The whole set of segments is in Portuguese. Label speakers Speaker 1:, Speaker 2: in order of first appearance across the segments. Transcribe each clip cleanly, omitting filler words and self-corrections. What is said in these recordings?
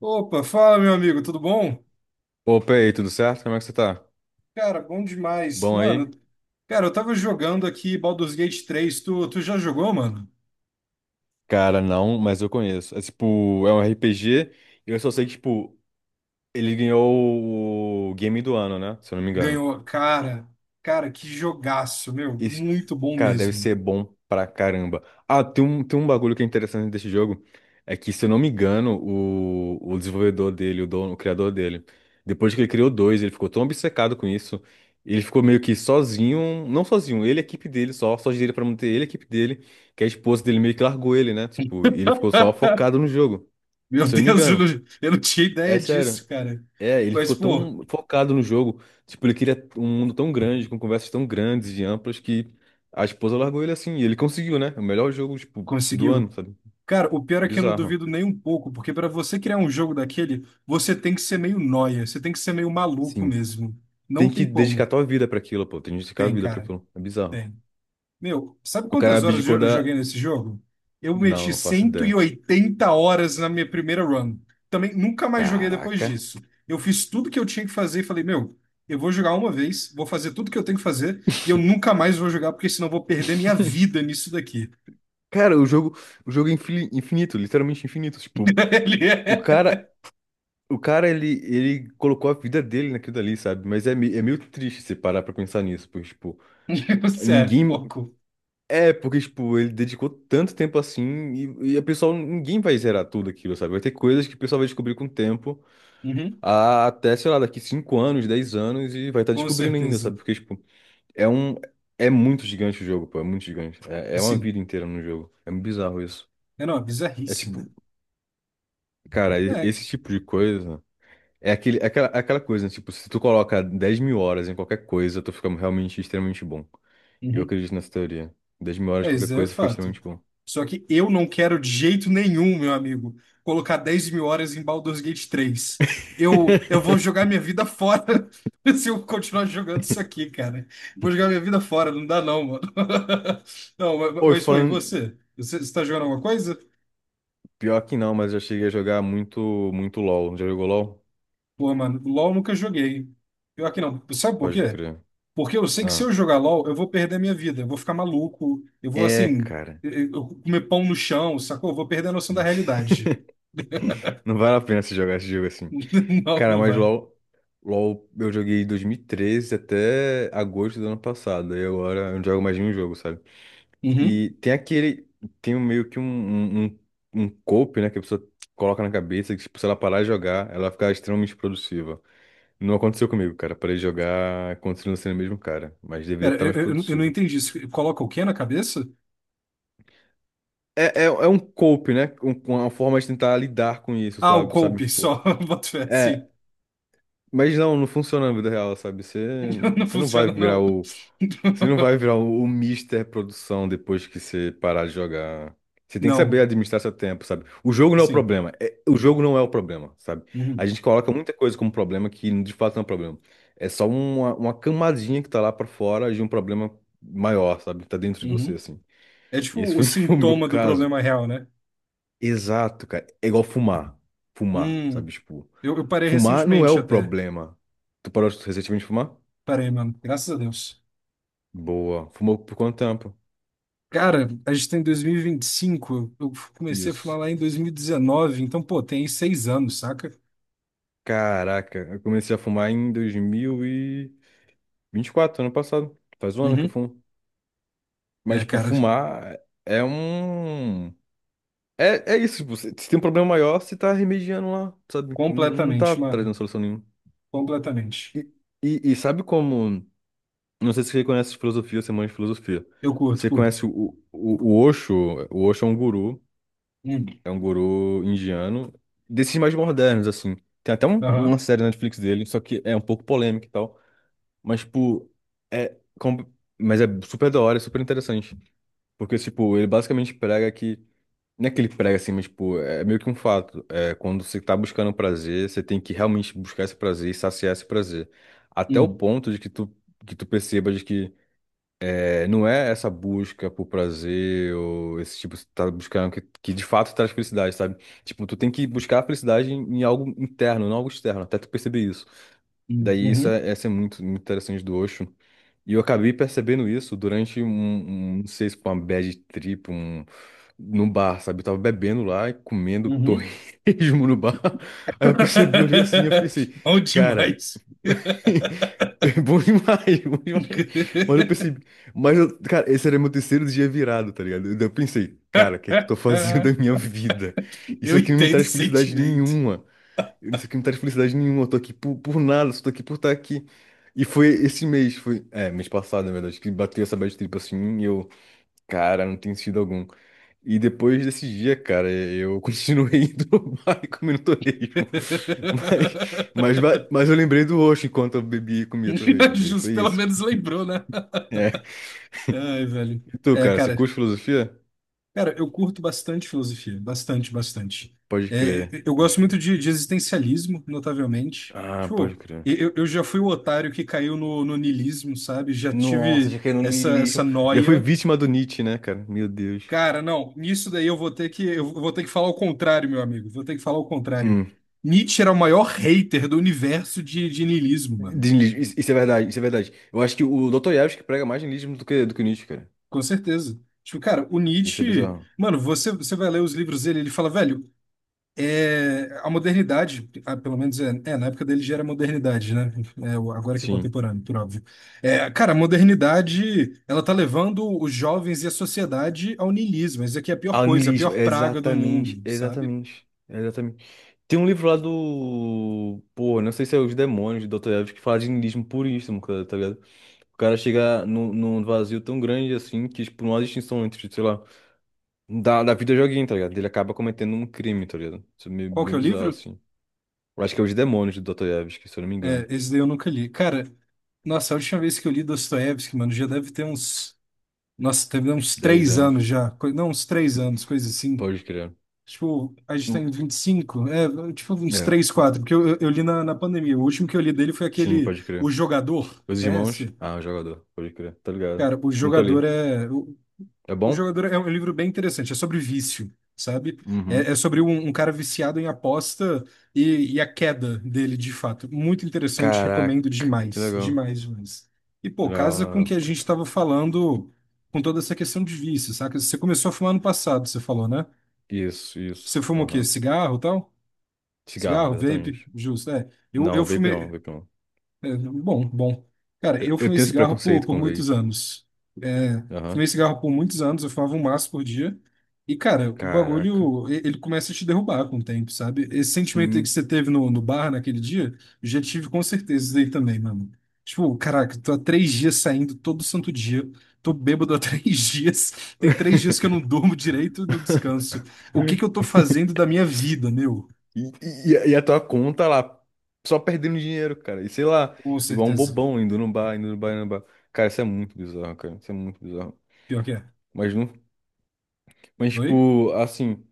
Speaker 1: Opa, fala meu amigo, tudo bom?
Speaker 2: Opa, e aí, tudo certo? Como é que você tá?
Speaker 1: Cara, bom demais.
Speaker 2: Bom aí?
Speaker 1: Mano, cara, eu tava jogando aqui Baldur's Gate três. Tu já jogou, mano?
Speaker 2: Cara, não, mas eu conheço. É tipo, é um RPG e eu só sei que, tipo, ele ganhou o Game do Ano, né? Se eu não me engano.
Speaker 1: Ganhou. Cara, cara, que jogaço, meu.
Speaker 2: Isso,
Speaker 1: Muito bom
Speaker 2: cara, deve
Speaker 1: mesmo.
Speaker 2: ser bom pra caramba. Ah, tem um bagulho que é interessante desse jogo. É que, se eu não me engano, o desenvolvedor dele, o dono, o criador dele, depois que ele criou dois, ele ficou tão obcecado com isso. Ele ficou meio que sozinho, não sozinho, ele e a equipe dele só dele pra manter ele e a equipe dele, que a esposa dele meio que largou ele, né? Tipo, e ele ficou só focado no jogo.
Speaker 1: Meu
Speaker 2: Se eu não me
Speaker 1: Deus,
Speaker 2: engano.
Speaker 1: eu não tinha
Speaker 2: É
Speaker 1: ideia
Speaker 2: sério.
Speaker 1: disso, cara.
Speaker 2: É, ele
Speaker 1: Mas,
Speaker 2: ficou
Speaker 1: pô,
Speaker 2: tão focado no jogo. Tipo, ele queria um mundo tão grande, com conversas tão grandes e amplas, que a esposa largou ele assim. E ele conseguiu, né? É o melhor jogo, tipo, do ano,
Speaker 1: conseguiu.
Speaker 2: sabe?
Speaker 1: Cara, o pior é que eu não
Speaker 2: Bizarro.
Speaker 1: duvido nem um pouco, porque pra você criar um jogo daquele, você tem que ser meio nóia, você tem que ser meio maluco
Speaker 2: Sim.
Speaker 1: mesmo. Não
Speaker 2: Tem
Speaker 1: tem
Speaker 2: que dedicar
Speaker 1: como.
Speaker 2: tua vida pra aquilo, pô. Tem que dedicar a
Speaker 1: Tem,
Speaker 2: vida pra
Speaker 1: cara.
Speaker 2: aquilo. É bizarro.
Speaker 1: Tem. Meu, sabe
Speaker 2: O cara
Speaker 1: quantas horas
Speaker 2: abdicou
Speaker 1: eu joguei
Speaker 2: da.
Speaker 1: nesse jogo? Eu
Speaker 2: Não,
Speaker 1: meti
Speaker 2: não faço
Speaker 1: cento e
Speaker 2: ideia.
Speaker 1: oitenta horas na minha primeira run. Também nunca mais joguei depois
Speaker 2: Caraca.
Speaker 1: disso. Eu fiz tudo que eu tinha que fazer e falei, meu, eu vou jogar uma vez, vou fazer tudo que eu tenho que fazer e eu nunca mais vou jogar porque senão eu vou perder minha vida nisso daqui.
Speaker 2: Cara, o jogo, é infinito, literalmente infinito. Tipo,
Speaker 1: Ele
Speaker 2: o
Speaker 1: é,
Speaker 2: cara, o cara ele colocou a vida dele naquilo dali, sabe? Mas é meio triste você parar pra pensar nisso, porque, tipo,
Speaker 1: você é
Speaker 2: ninguém.
Speaker 1: pouco.
Speaker 2: É, porque, tipo, ele dedicou tanto tempo assim e a pessoa, ninguém vai zerar tudo aquilo, sabe? Vai ter coisas que o pessoal vai descobrir com o tempo,
Speaker 1: Uhum.
Speaker 2: até, sei lá, daqui 5 anos, 10 anos e vai estar
Speaker 1: Com
Speaker 2: descobrindo ainda,
Speaker 1: certeza.
Speaker 2: sabe? Porque, tipo, é um, é muito gigante o jogo, pô, é muito gigante. É uma
Speaker 1: Sim.
Speaker 2: vida inteira no jogo. É muito bizarro isso.
Speaker 1: É, não, é
Speaker 2: É
Speaker 1: bizarríssimo.
Speaker 2: tipo, cara,
Speaker 1: É.
Speaker 2: esse tipo de coisa é aquele, é aquela coisa, né? Tipo, se tu coloca 10 mil horas em qualquer coisa, tu fica realmente extremamente bom. E eu
Speaker 1: Uhum.
Speaker 2: acredito nessa teoria. 10 mil horas em
Speaker 1: É,
Speaker 2: qualquer
Speaker 1: isso é
Speaker 2: coisa fica
Speaker 1: fato.
Speaker 2: extremamente bom.
Speaker 1: Só que eu não quero de jeito nenhum, meu amigo, colocar 10.000 horas em Baldur's Gate três. Eu vou jogar minha vida fora se eu continuar jogando isso aqui, cara. Vou jogar minha vida fora, não dá não, mano. Não, mas,
Speaker 2: Oi,
Speaker 1: mas foi, e
Speaker 2: falando.
Speaker 1: você? Você, está jogando alguma coisa?
Speaker 2: Pior que não, mas eu cheguei a jogar muito, muito LOL. Já jogou LOL?
Speaker 1: Pô, mano, LOL nunca joguei. Pior que não. Sabe por
Speaker 2: Pode
Speaker 1: quê?
Speaker 2: crer.
Speaker 1: Porque eu sei que se
Speaker 2: Ah.
Speaker 1: eu jogar LOL, eu vou perder a minha vida. Eu vou ficar maluco. Eu vou,
Speaker 2: É,
Speaker 1: assim,
Speaker 2: cara.
Speaker 1: eu comer pão no chão, sacou? Eu vou perder a noção da realidade.
Speaker 2: Não vale a pena você jogar esse jogo assim.
Speaker 1: Não,
Speaker 2: Cara,
Speaker 1: não
Speaker 2: mas
Speaker 1: vai.
Speaker 2: LOL. LOL eu joguei em 2013 até agosto do ano passado. Aí agora eu não jogo mais nenhum jogo, sabe?
Speaker 1: Uhum.
Speaker 2: E tem aquele. Tem um- meio que um, um, um um cope, né? Que a pessoa coloca na cabeça que, tipo, se ela parar de jogar, ela fica extremamente produtiva. Não aconteceu comigo, cara. Parei de jogar, continuo sendo o mesmo cara. Mas deveria
Speaker 1: Pera,
Speaker 2: estar mais
Speaker 1: eu não
Speaker 2: produtivo.
Speaker 1: entendi isso. Coloca o quê na cabeça?
Speaker 2: É, é, é um cope, né? Com uma forma de tentar lidar com isso
Speaker 1: Ah, o
Speaker 2: sabe? Sabe,
Speaker 1: coupe,
Speaker 2: tipo.
Speaker 1: só. Boto fé,
Speaker 2: É,
Speaker 1: sim.
Speaker 2: mas não, não funciona na vida real, sabe? Você,
Speaker 1: Não
Speaker 2: você não vai
Speaker 1: funciona,
Speaker 2: virar
Speaker 1: não.
Speaker 2: o. Você não vai virar o Mister Produção depois que você parar de jogar. Você tem que saber
Speaker 1: Não,
Speaker 2: administrar seu tempo, sabe? O jogo não é o
Speaker 1: sim.
Speaker 2: problema. É- o jogo não é o problema, sabe? A
Speaker 1: Uhum.
Speaker 2: gente coloca muita coisa como problema que de fato não é um problema. É só uma camadinha que tá lá pra fora de um problema maior, sabe? Tá dentro de você,
Speaker 1: Uhum.
Speaker 2: assim.
Speaker 1: É tipo
Speaker 2: E esse
Speaker 1: o
Speaker 2: foi o meu
Speaker 1: sintoma do
Speaker 2: caso.
Speaker 1: problema real, né?
Speaker 2: Exato, cara. É igual fumar. Fumar,
Speaker 1: Hum.
Speaker 2: sabe? Tipo,
Speaker 1: Eu parei
Speaker 2: fumar não é
Speaker 1: recentemente
Speaker 2: o
Speaker 1: até.
Speaker 2: problema. Tu parou recentemente de fumar?
Speaker 1: Parei, mano. Graças a Deus.
Speaker 2: Boa. Fumou por quanto tempo?
Speaker 1: Cara, a gente tá em dois mil e vinte e cinco. Eu comecei a fumar
Speaker 2: Isso.
Speaker 1: lá em 2019. Então, pô, tem aí 6 anos, saca?
Speaker 2: Caraca, eu comecei a fumar em 2024, ano passado. Faz um ano que eu
Speaker 1: Uhum.
Speaker 2: fumo. Mas,
Speaker 1: É,
Speaker 2: tipo,
Speaker 1: cara,
Speaker 2: fumar é um. É, é isso, tipo, se se tem um problema maior, você tá remediando lá, sabe? Não tá
Speaker 1: completamente,
Speaker 2: trazendo
Speaker 1: mano.
Speaker 2: solução nenhuma.
Speaker 1: Completamente.
Speaker 2: E, e sabe como. Não sei se você conhece filosofia, você manja de filosofia.
Speaker 1: Eu curto,
Speaker 2: Você
Speaker 1: curto.
Speaker 2: conhece o Osho? O Osho
Speaker 1: Hum.
Speaker 2: é um guru indiano, desses mais modernos, assim. Tem até um-
Speaker 1: Aham.
Speaker 2: uma série na Netflix dele, só que é um pouco polêmica e tal. Mas, tipo, é, com- mas é super da hora, é super interessante. Porque, tipo, ele basicamente prega que. Não é que ele prega assim, mas, tipo, é meio que um fato. É, quando você tá buscando prazer, você tem que realmente buscar esse prazer e saciar esse prazer. Até o
Speaker 1: Hum.
Speaker 2: ponto de que tu percebas que. É, não é essa busca por prazer ou esse tipo, você tá buscando que de fato traz felicidade, sabe? Tipo, tu tem que buscar a felicidade em, em algo interno, não algo externo, até tu perceber isso.
Speaker 1: Hum.
Speaker 2: Daí isso
Speaker 1: Uhum.
Speaker 2: é, essa é muito, muito interessante do Osho. E eu acabei percebendo isso durante um, um- não sei se foi uma bad trip, um, no bar, sabe? Eu tava bebendo lá e comendo
Speaker 1: Uhum.
Speaker 2: torresmo no bar. Aí eu percebi, olhei assim, eu pensei,
Speaker 1: Bom
Speaker 2: cara,
Speaker 1: demais.
Speaker 2: é bom demais, bom demais. Mas eu percebi, mas eu, cara, esse era meu terceiro dia virado, tá ligado? Daí Eu pensei, cara, o que é que eu tô fazendo da minha. Vida? Isso
Speaker 1: Eu
Speaker 2: aqui não me
Speaker 1: entendo o
Speaker 2: traz felicidade
Speaker 1: sentimento.
Speaker 2: nenhuma. Isso aqui não traz felicidade nenhuma, eu tô aqui por nada, só tô aqui por estar aqui. E foi esse mês, foi, é, mês passado, na verdade, que bateu essa bad trip assim, e eu, cara, não tem sentido algum. E depois desse dia, cara, eu continuei indo no bar e comendo torresmo. Mas, mas, va- mas eu lembrei do Osho enquanto eu bebia e comia torresmo, daí
Speaker 1: Justo,
Speaker 2: foi
Speaker 1: pelo
Speaker 2: isso.
Speaker 1: menos
Speaker 2: cara.
Speaker 1: lembrou, né?
Speaker 2: É.
Speaker 1: Ai, velho.
Speaker 2: E tu,
Speaker 1: É,
Speaker 2: cara, você
Speaker 1: cara,
Speaker 2: curte filosofia?
Speaker 1: Cara, eu curto bastante filosofia, bastante, bastante.
Speaker 2: Pode crer,
Speaker 1: É, eu
Speaker 2: pode
Speaker 1: gosto
Speaker 2: crer.
Speaker 1: muito de existencialismo, notavelmente.
Speaker 2: Ah, pode
Speaker 1: Tipo,
Speaker 2: crer.
Speaker 1: eu já fui o otário que caiu no, no niilismo, sabe? Já
Speaker 2: Nossa, já
Speaker 1: tive
Speaker 2: caiu no
Speaker 1: essa, essa
Speaker 2: niilismo. Já foi
Speaker 1: noia.
Speaker 2: vítima do Nietzsche, né, cara? Meu Deus.
Speaker 1: Cara, não, nisso daí eu vou ter que, eu vou ter que falar o contrário, meu amigo. Vou ter que falar o contrário.
Speaker 2: Hum.
Speaker 1: Nietzsche era o maior hater do universo de niilismo, mano.
Speaker 2: de niilismo. Isso isso é verdade, isso é verdade. Eu acho que o doutor Yavis que prega mais niilismo do que Nietzsche, cara.
Speaker 1: Com certeza. Tipo, cara, o
Speaker 2: Isso é
Speaker 1: Nietzsche.
Speaker 2: bizarro.
Speaker 1: Mano, você vai ler os livros dele, ele fala, velho, é, a modernidade, ah, pelo menos é, é, na época dele já era modernidade, né? É, agora que é
Speaker 2: Sim.
Speaker 1: contemporâneo, por óbvio. É, cara, a modernidade, ela tá levando os jovens e a sociedade ao niilismo. Isso aqui é a pior
Speaker 2: Ah,
Speaker 1: coisa, a
Speaker 2: niilismo,
Speaker 1: pior praga do
Speaker 2: exatamente,
Speaker 1: mundo, sabe?
Speaker 2: exatamente, exatamente. Tem um livro lá do. Pô, não sei se é Os Demônios do doutor Yavis que fala de niilismo puríssimo, cara, tá ligado? O cara chega num, num vazio tão grande assim que, tipo, não há distinção entre, sei lá, da, da vida joguinho, tá ligado? Ele acaba cometendo um crime, tá ligado? Isso é meio,
Speaker 1: Qual que
Speaker 2: meio
Speaker 1: é o
Speaker 2: bizarro,
Speaker 1: livro?
Speaker 2: assim. Eu acho que é Os Demônios do doutor Yavis, que se eu não me
Speaker 1: É,
Speaker 2: engano.
Speaker 1: esse daí eu nunca li. Cara, nossa, a última vez que eu li Dostoiévski, mano, já deve ter uns... Nossa, deve ter uns
Speaker 2: 10
Speaker 1: três
Speaker 2: anos.
Speaker 1: anos já. Não, uns três anos, coisa assim.
Speaker 2: Pode crer.
Speaker 1: Tipo, a gente tem 25 é, tipo uns
Speaker 2: É,
Speaker 1: 3 4 porque eu li na, na pandemia. O último que eu li dele foi
Speaker 2: sim,
Speaker 1: aquele
Speaker 2: pode
Speaker 1: O
Speaker 2: crer.
Speaker 1: Jogador,
Speaker 2: Os Irmãos?
Speaker 1: conhece?
Speaker 2: Ah, o jogador, pode crer, tá ligado?
Speaker 1: Cara, O
Speaker 2: Nunca
Speaker 1: Jogador
Speaker 2: li.
Speaker 1: é.
Speaker 2: É
Speaker 1: O
Speaker 2: bom?
Speaker 1: Jogador é um livro bem interessante, é sobre vício, sabe? É, é
Speaker 2: Uhum.
Speaker 1: sobre um, um cara viciado em aposta e a queda dele, de fato. Muito interessante, recomendo
Speaker 2: Caraca, que
Speaker 1: demais,
Speaker 2: legal.
Speaker 1: demais, demais. E, pô,
Speaker 2: Legal,
Speaker 1: casa com o que
Speaker 2: legal.
Speaker 1: a gente estava falando com toda essa questão de vício, saca? Você começou a fumar ano passado, você falou, né?
Speaker 2: Isso,
Speaker 1: Você
Speaker 2: isso.
Speaker 1: fuma o quê?
Speaker 2: Aham.
Speaker 1: Cigarro e tal?
Speaker 2: Cigarro,
Speaker 1: Cigarro, vape,
Speaker 2: exatamente.
Speaker 1: justo, é. Eu,
Speaker 2: Não,
Speaker 1: eu
Speaker 2: vape não,
Speaker 1: fumei.
Speaker 2: vape não.
Speaker 1: É, bom, bom. Cara, eu
Speaker 2: Eu
Speaker 1: fumei
Speaker 2: tenho esse
Speaker 1: cigarro
Speaker 2: preconceito
Speaker 1: por
Speaker 2: com
Speaker 1: muitos
Speaker 2: vape.
Speaker 1: anos. É,
Speaker 2: Aham.
Speaker 1: fumei cigarro por muitos anos, eu fumava um maço por dia. E, cara, o
Speaker 2: Caraca,
Speaker 1: bagulho, ele começa a te derrubar com o tempo, sabe? Esse sentimento aí que
Speaker 2: sim.
Speaker 1: você teve no, no bar naquele dia, eu já tive com certeza isso aí também, mano. Tipo, caraca, tô há três dias saindo todo santo dia, tô bêbado há três dias, tem três dias que eu não durmo direito, não descanso. O que que eu tô fazendo da minha vida, meu?
Speaker 2: E, e a tua conta lá, só perdendo dinheiro, cara. E sei lá,
Speaker 1: Com
Speaker 2: igual um
Speaker 1: certeza.
Speaker 2: bobão indo no bar, indo no bar, indo no bar. Cara, isso é muito bizarro, cara. Isso é muito bizarro.
Speaker 1: Pior que é.
Speaker 2: Mas no Mas,
Speaker 1: Oi?
Speaker 2: tipo, assim.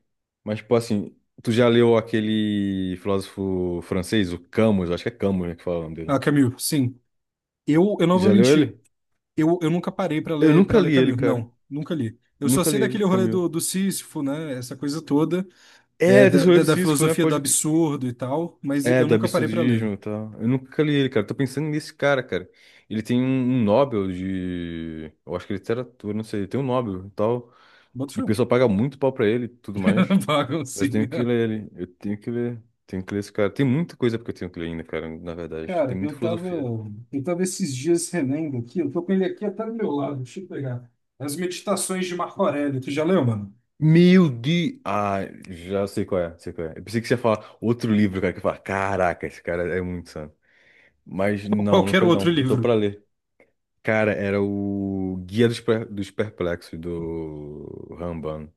Speaker 2: Mas, tipo, assim. Tu já leu aquele filósofo francês, o Camus? Acho que é Camus, né, que fala o nome
Speaker 1: Ah,
Speaker 2: dele.
Speaker 1: Camus, sim. Eu não vou
Speaker 2: Já leu
Speaker 1: mentir.
Speaker 2: ele?
Speaker 1: Eu nunca parei
Speaker 2: Eu
Speaker 1: para
Speaker 2: nunca
Speaker 1: ler
Speaker 2: li ele,
Speaker 1: Camus.
Speaker 2: cara.
Speaker 1: Não, nunca li. Eu só
Speaker 2: Nunca
Speaker 1: sei
Speaker 2: li ele,
Speaker 1: daquele rolê
Speaker 2: Camille.
Speaker 1: do, do Sísifo, né? Essa coisa toda, é,
Speaker 2: É, é
Speaker 1: da, da,
Speaker 2: Tesoureiro do
Speaker 1: da
Speaker 2: Sísifo, né?
Speaker 1: filosofia do
Speaker 2: Pode.
Speaker 1: absurdo e tal, mas
Speaker 2: É,
Speaker 1: eu
Speaker 2: do
Speaker 1: nunca parei para ler.
Speaker 2: absurdismo e tal. Eu nunca li ele, cara. Tô pensando nesse cara, cara. Ele tem um, um Nobel de. Eu acho que é literatura, não sei. Ele tem um Nobel e tal.
Speaker 1: Bota
Speaker 2: E o
Speaker 1: fé.
Speaker 2: pessoal paga muito pau pra ele e tudo mais. Mas eu tenho que
Speaker 1: Baguncinha.
Speaker 2: ler ele. Eu tenho que ler. Tenho que ler esse cara. Tem muita coisa porque eu tenho que ler ainda, cara, na verdade.
Speaker 1: Cara,
Speaker 2: Tem muita filosofia.
Speaker 1: eu tava esses dias relendo aqui, eu tô com ele aqui até do meu lado, deixa eu pegar. As Meditações de Marco Aurélio, tu já leu, mano?
Speaker 2: Meu de... Ah, já sei qual é, sei qual é. Eu pensei que você ia falar outro livro, cara, que eu ia falar, caraca, esse cara é muito santo. Mas
Speaker 1: Ou
Speaker 2: não, não
Speaker 1: qualquer
Speaker 2: quero não.
Speaker 1: outro
Speaker 2: Eu tô
Speaker 1: livro.
Speaker 2: pra ler. Cara, era o Guia dos, Per- dos Perplexos, do Ramban,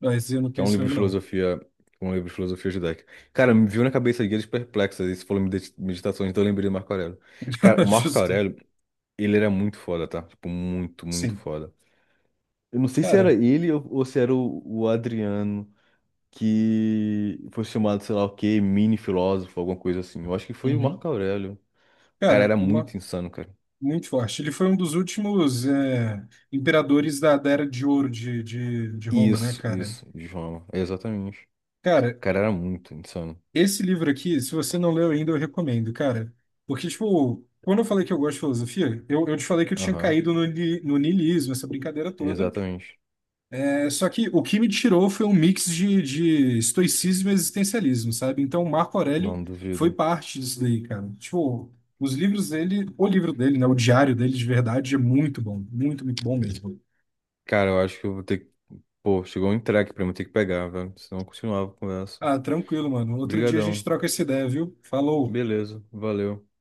Speaker 1: Mas eu não
Speaker 2: que é um
Speaker 1: penso
Speaker 2: livro de
Speaker 1: mesmo, não.
Speaker 2: filosofia, um livro de filosofia judaica. Cara, me viu na cabeça Guia dos Perplexos, aí você falou medita- meditações, então eu lembrei do Marco Aurélio. Cara, o Marco
Speaker 1: Justo.
Speaker 2: Aurélio, Ele era muito foda, tá? Tipo, muito, muito
Speaker 1: Sim.
Speaker 2: foda. Eu não sei se era
Speaker 1: Cara.
Speaker 2: ele ou se era o Adriano, que foi chamado, sei lá o quê, mini filósofo, alguma coisa assim. Eu acho que foi o Marco
Speaker 1: Uhum.
Speaker 2: Aurélio. O cara
Speaker 1: Cara,
Speaker 2: era
Speaker 1: uma,
Speaker 2: muito insano, cara.
Speaker 1: muito forte. Ele foi um dos últimos é, imperadores da, da Era de Ouro de Roma, né,
Speaker 2: Isso,
Speaker 1: cara?
Speaker 2: isso, João. Exatamente.
Speaker 1: Cara,
Speaker 2: O cara era muito insano.
Speaker 1: esse livro aqui, se você não leu ainda, eu recomendo, cara. Porque, tipo, quando eu falei que eu gosto de filosofia, eu te falei que eu tinha
Speaker 2: Aham,
Speaker 1: caído no, no niilismo, essa brincadeira toda.
Speaker 2: exatamente.
Speaker 1: É, só que o que me tirou foi um mix de estoicismo e existencialismo, sabe? Então, o Marco Aurélio
Speaker 2: Não
Speaker 1: foi
Speaker 2: duvido.
Speaker 1: parte disso daí, cara. Tipo, os livros dele, o livro dele, né? O diário dele de verdade é muito bom. Muito, muito bom mesmo.
Speaker 2: Cara, eu acho que eu vou ter que. Pô, chegou um entregue pra mim, eu ter que pegar, velho. Senão eu continuava a conversa.
Speaker 1: Ah, tranquilo, mano. Outro dia a gente
Speaker 2: Brigadão.
Speaker 1: troca essa ideia, viu? Falou.
Speaker 2: Beleza, valeu.